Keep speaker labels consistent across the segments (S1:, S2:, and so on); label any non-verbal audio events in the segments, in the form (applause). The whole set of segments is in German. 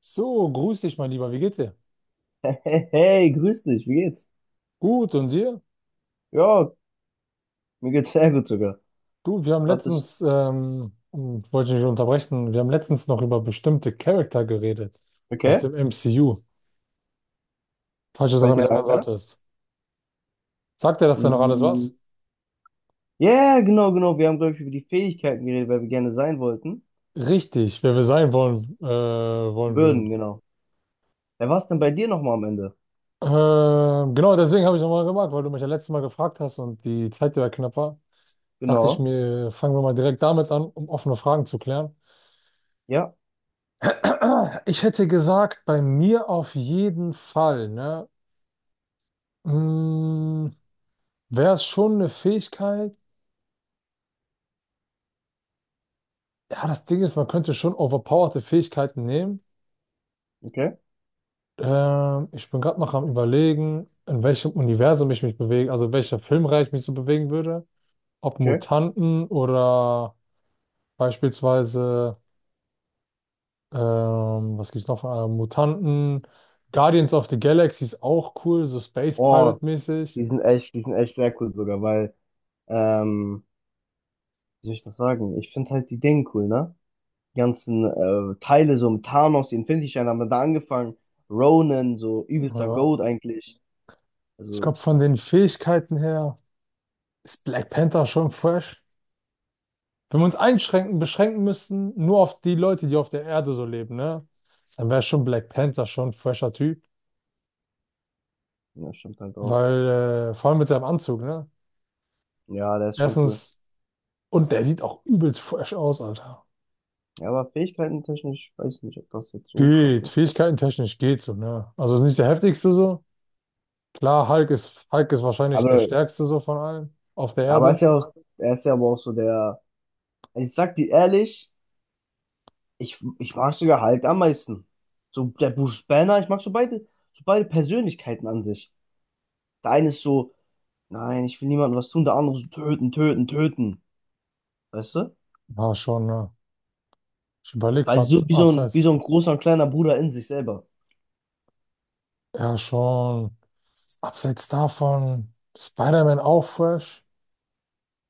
S1: So, grüß dich, mein Lieber. Wie geht's dir?
S2: (laughs) Hey, hey, hey, grüß dich, wie geht's?
S1: Gut, und dir?
S2: Ja, mir geht's sehr gut sogar.
S1: Du, wir haben
S2: Grad bis.
S1: letztens, und wollte ich nicht unterbrechen, wir haben letztens noch über bestimmte Charakter geredet aus
S2: Okay,
S1: dem MCU, falls du
S2: fällt
S1: daran
S2: dir da
S1: erinnern
S2: ein, ne?
S1: solltest. Sagt er, dass da noch alles
S2: Mm,
S1: was?
S2: ja, genau, genau. Wir haben, glaube ich, über die Fähigkeiten geredet, weil wir gerne sein wollten.
S1: Richtig, wer wir sein wollen, wollen
S2: Würden,
S1: würden.
S2: genau. Wer war's denn bei dir nochmal am Ende?
S1: Genau, deswegen habe ich nochmal gemacht, weil du mich ja letztes Mal gefragt hast und die Zeit ja knapp war. Dachte ich
S2: Genau.
S1: mir, fangen wir mal direkt damit an, um offene Fragen zu klären.
S2: Ja,
S1: Ich hätte gesagt, bei mir auf jeden Fall, ne? Mm, wäre es schon eine Fähigkeit? Ja, das Ding ist, man könnte schon overpowerte Fähigkeiten nehmen.
S2: okay,
S1: Ich bin gerade noch am Überlegen, in welchem Universum ich mich bewege, also in welcher Filmreihe ich mich so bewegen würde. Ob
S2: okay.
S1: Mutanten oder beispielsweise, was gibt's noch von Mutanten? Guardians of the Galaxy ist auch cool, so Space
S2: Oh,
S1: Pirate-mäßig.
S2: die sind echt sehr cool sogar, weil, ähm, wie soll ich das sagen? Ich finde halt die Dinge cool, ne? Die ganzen Teile, so mit Thanos, die Infinity-Steine haben wir da angefangen. Ronan, so
S1: Ja.
S2: übelster Goat eigentlich.
S1: Ich glaube,
S2: Also.
S1: von den Fähigkeiten her ist Black Panther schon fresh. Wenn wir uns beschränken müssten, nur auf die Leute, die auf der Erde so leben, ne? Dann wäre schon Black Panther schon ein fresher Typ.
S2: Ja, stimmt halt auch.
S1: Weil, vor allem mit seinem Anzug, ne?
S2: Ja, der ist schon cool.
S1: Erstens, und der sieht auch übelst fresh aus, Alter.
S2: Ja, aber Fähigkeiten technisch, weiß nicht, ob das jetzt so krass
S1: Geht,
S2: ist.
S1: Fähigkeiten technisch geht so, ne? Also ist nicht der heftigste so. Klar, Hulk ist wahrscheinlich der
S2: Aber,
S1: stärkste so von allen auf der
S2: ja, aber er ist
S1: Erde.
S2: ja auch, er ist ja aber auch so der, also ich sag dir ehrlich, ich mag sogar Hulk am meisten. So der Bruce Banner, ich mag so beide Persönlichkeiten an sich. Der eine ist so, nein, ich will niemandem was tun, der andere so töten, töten, töten. Weißt du?
S1: War schon, ne? Ich überlege
S2: Weil so
S1: gerade,
S2: wie
S1: abseits,
S2: so ein großer und kleiner Bruder in sich selber.
S1: ja, schon, abseits davon, Spider-Man auch fresh.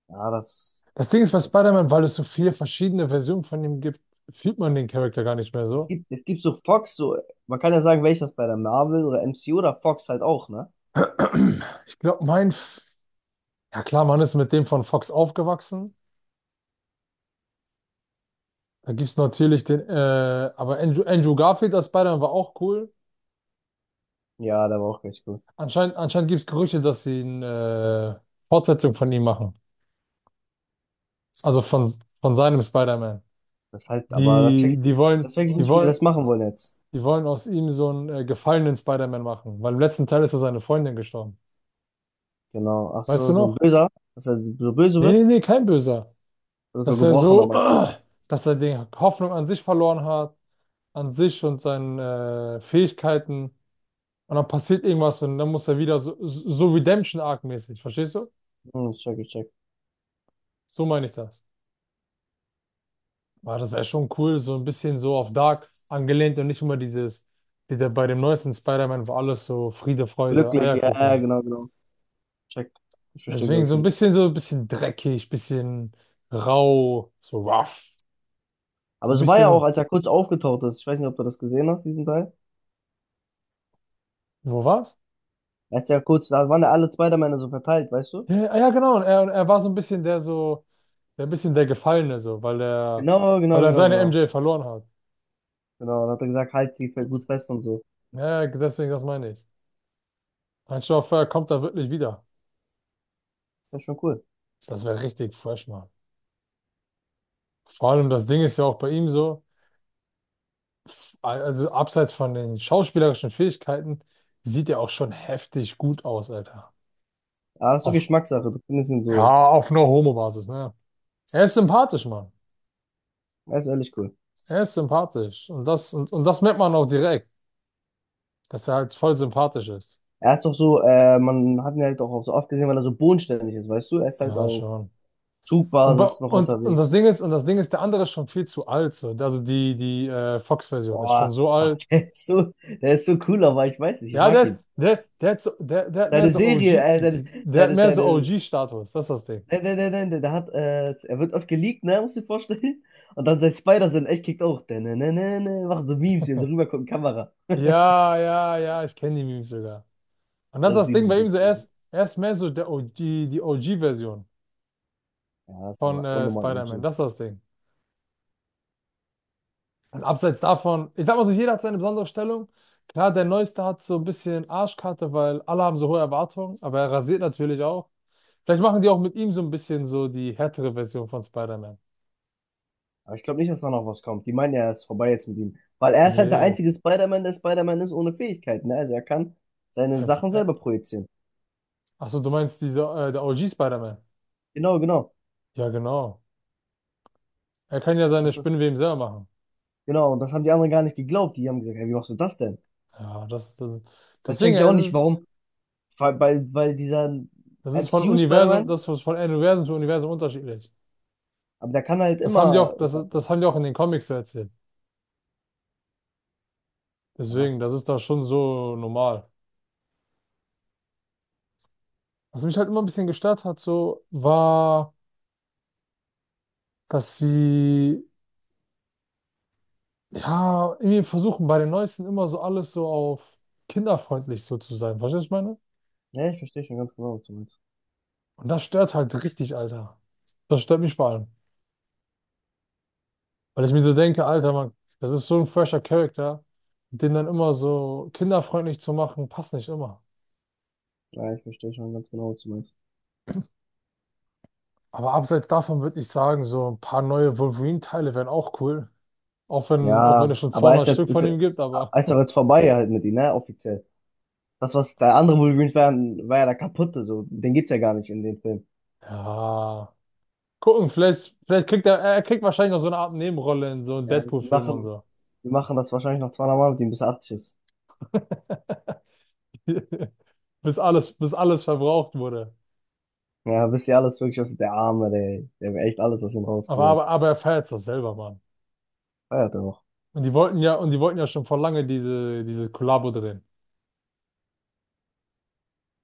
S2: Ja, das
S1: Das Ding ist bei Spider-Man, weil es so viele verschiedene Versionen von ihm gibt, fühlt man den Charakter gar nicht mehr
S2: Es
S1: so.
S2: gibt, es gibt so Fox, so, man kann ja sagen, welches bei der Marvel oder MCU oder Fox halt auch, ne?
S1: (clears throat) Ich glaube, mein, ja klar, man ist mit dem von Fox aufgewachsen. Da gibt es natürlich den, aber Andrew Garfield als Spider-Man war auch cool.
S2: Ja, der war auch ganz gut.
S1: Anscheinend gibt es Gerüchte, dass sie eine Fortsetzung von ihm machen. Also von seinem Spider-Man.
S2: Das halt, aber das
S1: Die,
S2: check
S1: die
S2: ich, das
S1: wollen,
S2: check ich
S1: die
S2: nicht, wie die
S1: wollen,
S2: das machen wollen jetzt.
S1: die wollen aus ihm so einen gefallenen Spider-Man machen, weil im letzten Teil ist er seine Freundin gestorben.
S2: Genau. Ach
S1: Weißt du
S2: so, so ein
S1: noch?
S2: Böser, dass er so böse
S1: Nee, nee,
S2: wird.
S1: nee, kein Böser.
S2: Oder so
S1: Dass er
S2: gebrochener,
S1: so, (clears throat)
S2: meinst du?
S1: dass er die Hoffnung an sich verloren hat, an sich und seinen Fähigkeiten. Und dann passiert irgendwas und dann muss er wieder so, so Redemption-Arc-mäßig, verstehst du?
S2: Hm, check, ich check.
S1: So meine ich das. Aber das wäre schon cool, so ein bisschen so auf Dark angelehnt und nicht immer dieses, wie der bei dem neuesten Spider-Man, wo alles so Friede, Freude,
S2: Glücklich, ja,
S1: Eierkuchen
S2: ja,
S1: ist.
S2: genau, genau. Check. Ich verstehe, glaube
S1: Deswegen
S2: ich,
S1: so
S2: wie
S1: ein
S2: das.
S1: bisschen dreckig, bisschen rau, so rough. So
S2: Aber
S1: ein
S2: so war ja auch,
S1: bisschen,
S2: als er kurz aufgetaucht ist. Ich weiß nicht, ob du das gesehen hast, diesen Teil.
S1: wo war's?
S2: Als er kurz, da waren ja alle Spider-Männer so verteilt, weißt du?
S1: Ja, ja, genau. Und und er war so ein bisschen der so. Der ein bisschen der Gefallene so,
S2: Genau,
S1: weil
S2: genau,
S1: er
S2: genau,
S1: seine
S2: genau.
S1: MJ verloren hat.
S2: Genau, dann hat er gesagt, halt sie gut fest und so.
S1: Ja, deswegen, das meine ich. Mein Chauffeur kommt da wirklich wieder.
S2: Das ist ja schon cool.
S1: Das wäre richtig fresh, Mann. Vor allem das Ding ist ja auch bei ihm so, also abseits von den schauspielerischen Fähigkeiten, sieht er auch schon heftig gut aus, Alter.
S2: Aber das ist so
S1: Auf,
S2: Geschmackssache. Du findest ihn so.
S1: ja, auf einer Homo-Basis, ne? Er ist sympathisch, Mann.
S2: Er ist ehrlich cool.
S1: Er ist sympathisch. Und und das merkt man auch direkt, dass er halt voll sympathisch ist.
S2: Er ist doch so, man hat ihn halt auch so oft gesehen, weil er so bodenständig ist, weißt du? Er ist halt
S1: Ja,
S2: auf
S1: schon. Und,
S2: Zugbasis noch
S1: und
S2: unterwegs.
S1: Das Ding ist, der andere ist schon viel zu alt. So. Also die Fox-Version ist schon
S2: Boah,
S1: so
S2: aber
S1: alt.
S2: (laughs) der ist so cool, aber ich weiß nicht, ich
S1: Ja, der,
S2: mag
S1: ist-
S2: ihn.
S1: der, der, hat so, der, der hat mehr
S2: Seine
S1: so
S2: Serie,
S1: OG, der hat
S2: seine,
S1: mehr so
S2: seine,
S1: OG-Status. Das ist das Ding.
S2: nein, nein, nein, nein, der hat, er wird oft geleakt, ne, musst du dir vorstellen. Und dann sein Spider-Sinn echt kickt auch. Ne, ne, ne, ne, machen so Memes, hier so rübergucken, Kamera.
S1: Ja, ja, ja, ich kenne die Memes sogar. Und das ist
S2: Also
S1: das
S2: die
S1: Ding
S2: sind
S1: bei
S2: so
S1: ihm so,
S2: cool.
S1: er ist mehr so der OG, die OG-Version
S2: Ja, ist
S1: von
S2: aber unnormal
S1: Spider-Man.
S2: OG.
S1: Das ist das Ding. Und abseits davon, ich sag mal so, jeder hat seine besondere Stellung. Klar, der Neueste hat so ein bisschen Arschkarte, weil alle haben so hohe Erwartungen, aber er rasiert natürlich auch. Vielleicht machen die auch mit ihm so ein bisschen so die härtere Version von Spider-Man.
S2: Aber ich glaube nicht, dass da noch was kommt. Die meinen ja, es ist vorbei jetzt mit ihm. Weil er ist halt der
S1: Nee.
S2: einzige Spider-Man, der Spider-Man ist ohne Fähigkeiten. Ne? Also er kann seine
S1: Hef-
S2: Sachen
S1: äh,
S2: selber projizieren.
S1: Achso, du meinst diese, der OG Spider-Man?
S2: Genau, genau.
S1: Ja, genau. Er kann ja seine
S2: Das ist,
S1: Spinnenweben selber machen.
S2: genau, und das haben die anderen gar nicht geglaubt. Die haben gesagt, hey, wie machst du das denn?
S1: Ja, das, das
S2: Das checke
S1: deswegen,
S2: ich auch
S1: es
S2: nicht,
S1: ist,
S2: warum. Weil dieser
S1: das ist von Universum,
S2: MCU-Spider-Man,
S1: das ist von Universum zu Universum unterschiedlich.
S2: aber der kann halt immer, ich sag,
S1: Das haben die auch in den Comics so erzählt.
S2: ja,
S1: Deswegen, das ist da schon so normal. Was mich halt immer ein bisschen gestört hat, so, war, dass sie ja irgendwie versuchen bei den Neuesten immer so alles so auf kinderfreundlich so zu sein. Verstehst du, was ich meine?
S2: ja, ich verstehe schon ganz genau, was du meinst.
S1: Und das stört halt richtig, Alter. Das stört mich vor allem. Weil ich mir so denke, Alter, Mann, das ist so ein fresher Charakter. Den dann immer so kinderfreundlich zu machen, passt nicht immer.
S2: Ja, ich verstehe schon ganz genau, was du meinst.
S1: Aber abseits davon würde ich sagen, so ein paar neue Wolverine-Teile wären auch cool. Auch wenn
S2: Ja,
S1: es schon
S2: aber er
S1: 200 Stück
S2: ist
S1: von
S2: ja,
S1: ihm gibt, aber
S2: er ist doch jetzt vorbei halt mit ihm, ne, offiziell. Das, was der andere Wolverine war, war ja der kaputte, so. Den gibt's ja gar nicht in dem Film.
S1: (laughs) ja. Gucken, vielleicht kriegt er kriegt wahrscheinlich noch so eine Art Nebenrolle in so einem
S2: Ja, die
S1: Deadpool-Film und
S2: machen,
S1: so.
S2: die machen das wahrscheinlich noch 200 Mal mit ihm, bis er 80 ist.
S1: (laughs) Bis alles verbraucht wurde.
S2: Ja, wisst ihr alles wirklich, was der Arme, der, der hat echt alles aus ihm rausgeholt.
S1: Aber er feiert's doch selber, Mann.
S2: Feiert er auch.
S1: Und die wollten ja schon vor lange diese Kollabo drehen.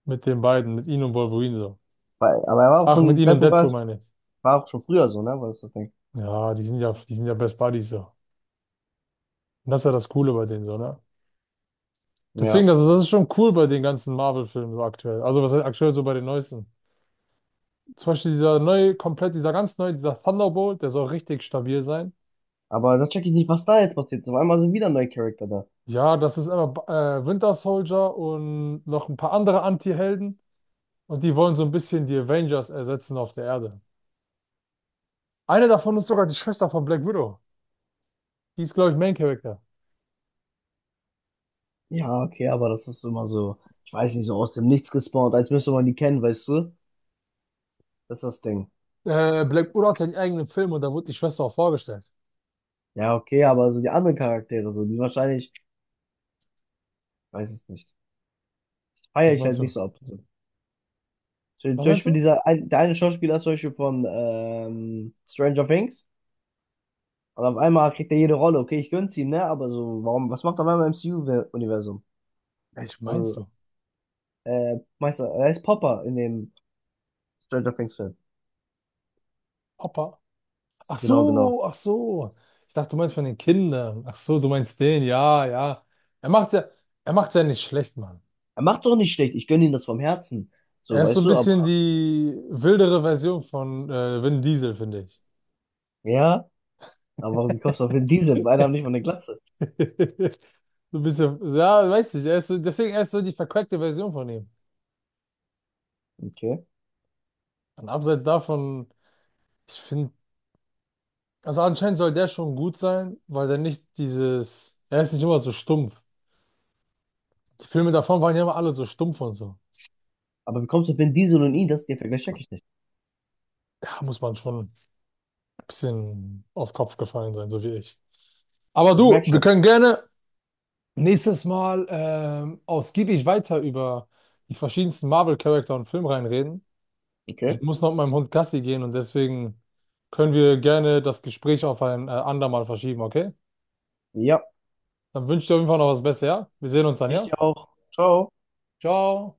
S1: Mit den beiden, mit ihm und Wolverine so.
S2: Weil- Aber er war auch
S1: Ach, mit
S2: schon,
S1: ihm und
S2: Deadpool
S1: Deadpool
S2: war,
S1: meine ich.
S2: war auch schon früher so, ne, war das das Ding.
S1: Ja, die sind ja Best Buddies so. Und das ist ja das Coole bei denen so, ne?
S2: Ja.
S1: Deswegen, das ist schon cool bei den ganzen Marvel-Filmen so aktuell. Also was heißt aktuell so bei den neuesten. Zum Beispiel dieser ganz neue, dieser Thunderbolt, der soll richtig stabil sein.
S2: Aber da check ich nicht, was da jetzt passiert. Auf einmal sind wieder neue Charakter da.
S1: Ja, das ist immer Winter Soldier und noch ein paar andere Anti-Helden. Und die wollen so ein bisschen die Avengers ersetzen auf der Erde. Eine davon ist sogar die Schwester von Black Widow. Die ist, glaube ich, Main Character.
S2: Ja, okay, aber das ist immer so, ich weiß nicht, so aus dem Nichts gespawnt, als müsste man die kennen, weißt du? Das ist das Ding.
S1: Black Widow hat ja einen eigenen Film und da wurde die Schwester auch vorgestellt.
S2: Ja, okay, aber so die anderen Charaktere, so, die wahrscheinlich, ich weiß es nicht, feiere
S1: Was
S2: ich
S1: meinst
S2: halt
S1: du?
S2: nicht so ab. So, zum
S1: Was meinst
S2: Beispiel
S1: du?
S2: dieser, ein- der eine Schauspieler ist zum Beispiel von Stranger Things. Und auf einmal kriegt er jede Rolle. Okay, ich gönn's ihm, ne? Aber so, warum, was macht er auf einmal im MCU-Universum?
S1: Welch meinst
S2: So,
S1: du?
S2: Meister, er ist Popper in dem Stranger Things-Film.
S1: Hoppa. Ach
S2: Genau, genau.
S1: so, ach so. Ich dachte, du meinst von den Kindern. Ach so, du meinst den. Ja, ja. Er macht's ja, er macht's ja nicht schlecht, Mann.
S2: Er macht's auch nicht schlecht. Ich gönn ihm das vom Herzen. So,
S1: Er ist so
S2: weißt
S1: ein
S2: du,
S1: bisschen
S2: aber,
S1: die wildere Version von Vin Diesel, finde ich.
S2: ja, aber wie kommst du auf Vin Diesel? Beide haben nicht
S1: (laughs)
S2: von der Glatze.
S1: (laughs) Du bist ja, ja, weiß nicht, er ist so, deswegen er ist so die verquackte Version von ihm.
S2: Okay.
S1: Und abseits davon, ich finde, also anscheinend soll der schon gut sein, weil der nicht dieses, er ist nicht immer so stumpf. Die Filme davon waren ja immer alle so stumpf und so.
S2: Aber wie kommst du auf Vin Diesel und ihn? Das, den Vergleich check ich nicht.
S1: Da muss man schon ein bisschen auf Kopf gefallen sein, so wie ich. Aber
S2: Ich
S1: du,
S2: merk
S1: wir
S2: schon.
S1: können gerne nächstes Mal ausgiebig weiter über die verschiedensten Marvel-Charakter und Filmreihen reden. Ich
S2: Okay.
S1: muss noch mit meinem Hund Gassi gehen und deswegen können wir gerne das Gespräch auf ein andermal verschieben, okay?
S2: Ja,
S1: Dann wünsche ich dir auf jeden Fall noch was Besseres, ja? Wir sehen uns dann,
S2: ich
S1: ja?
S2: dir auch. Ciao.
S1: Ciao!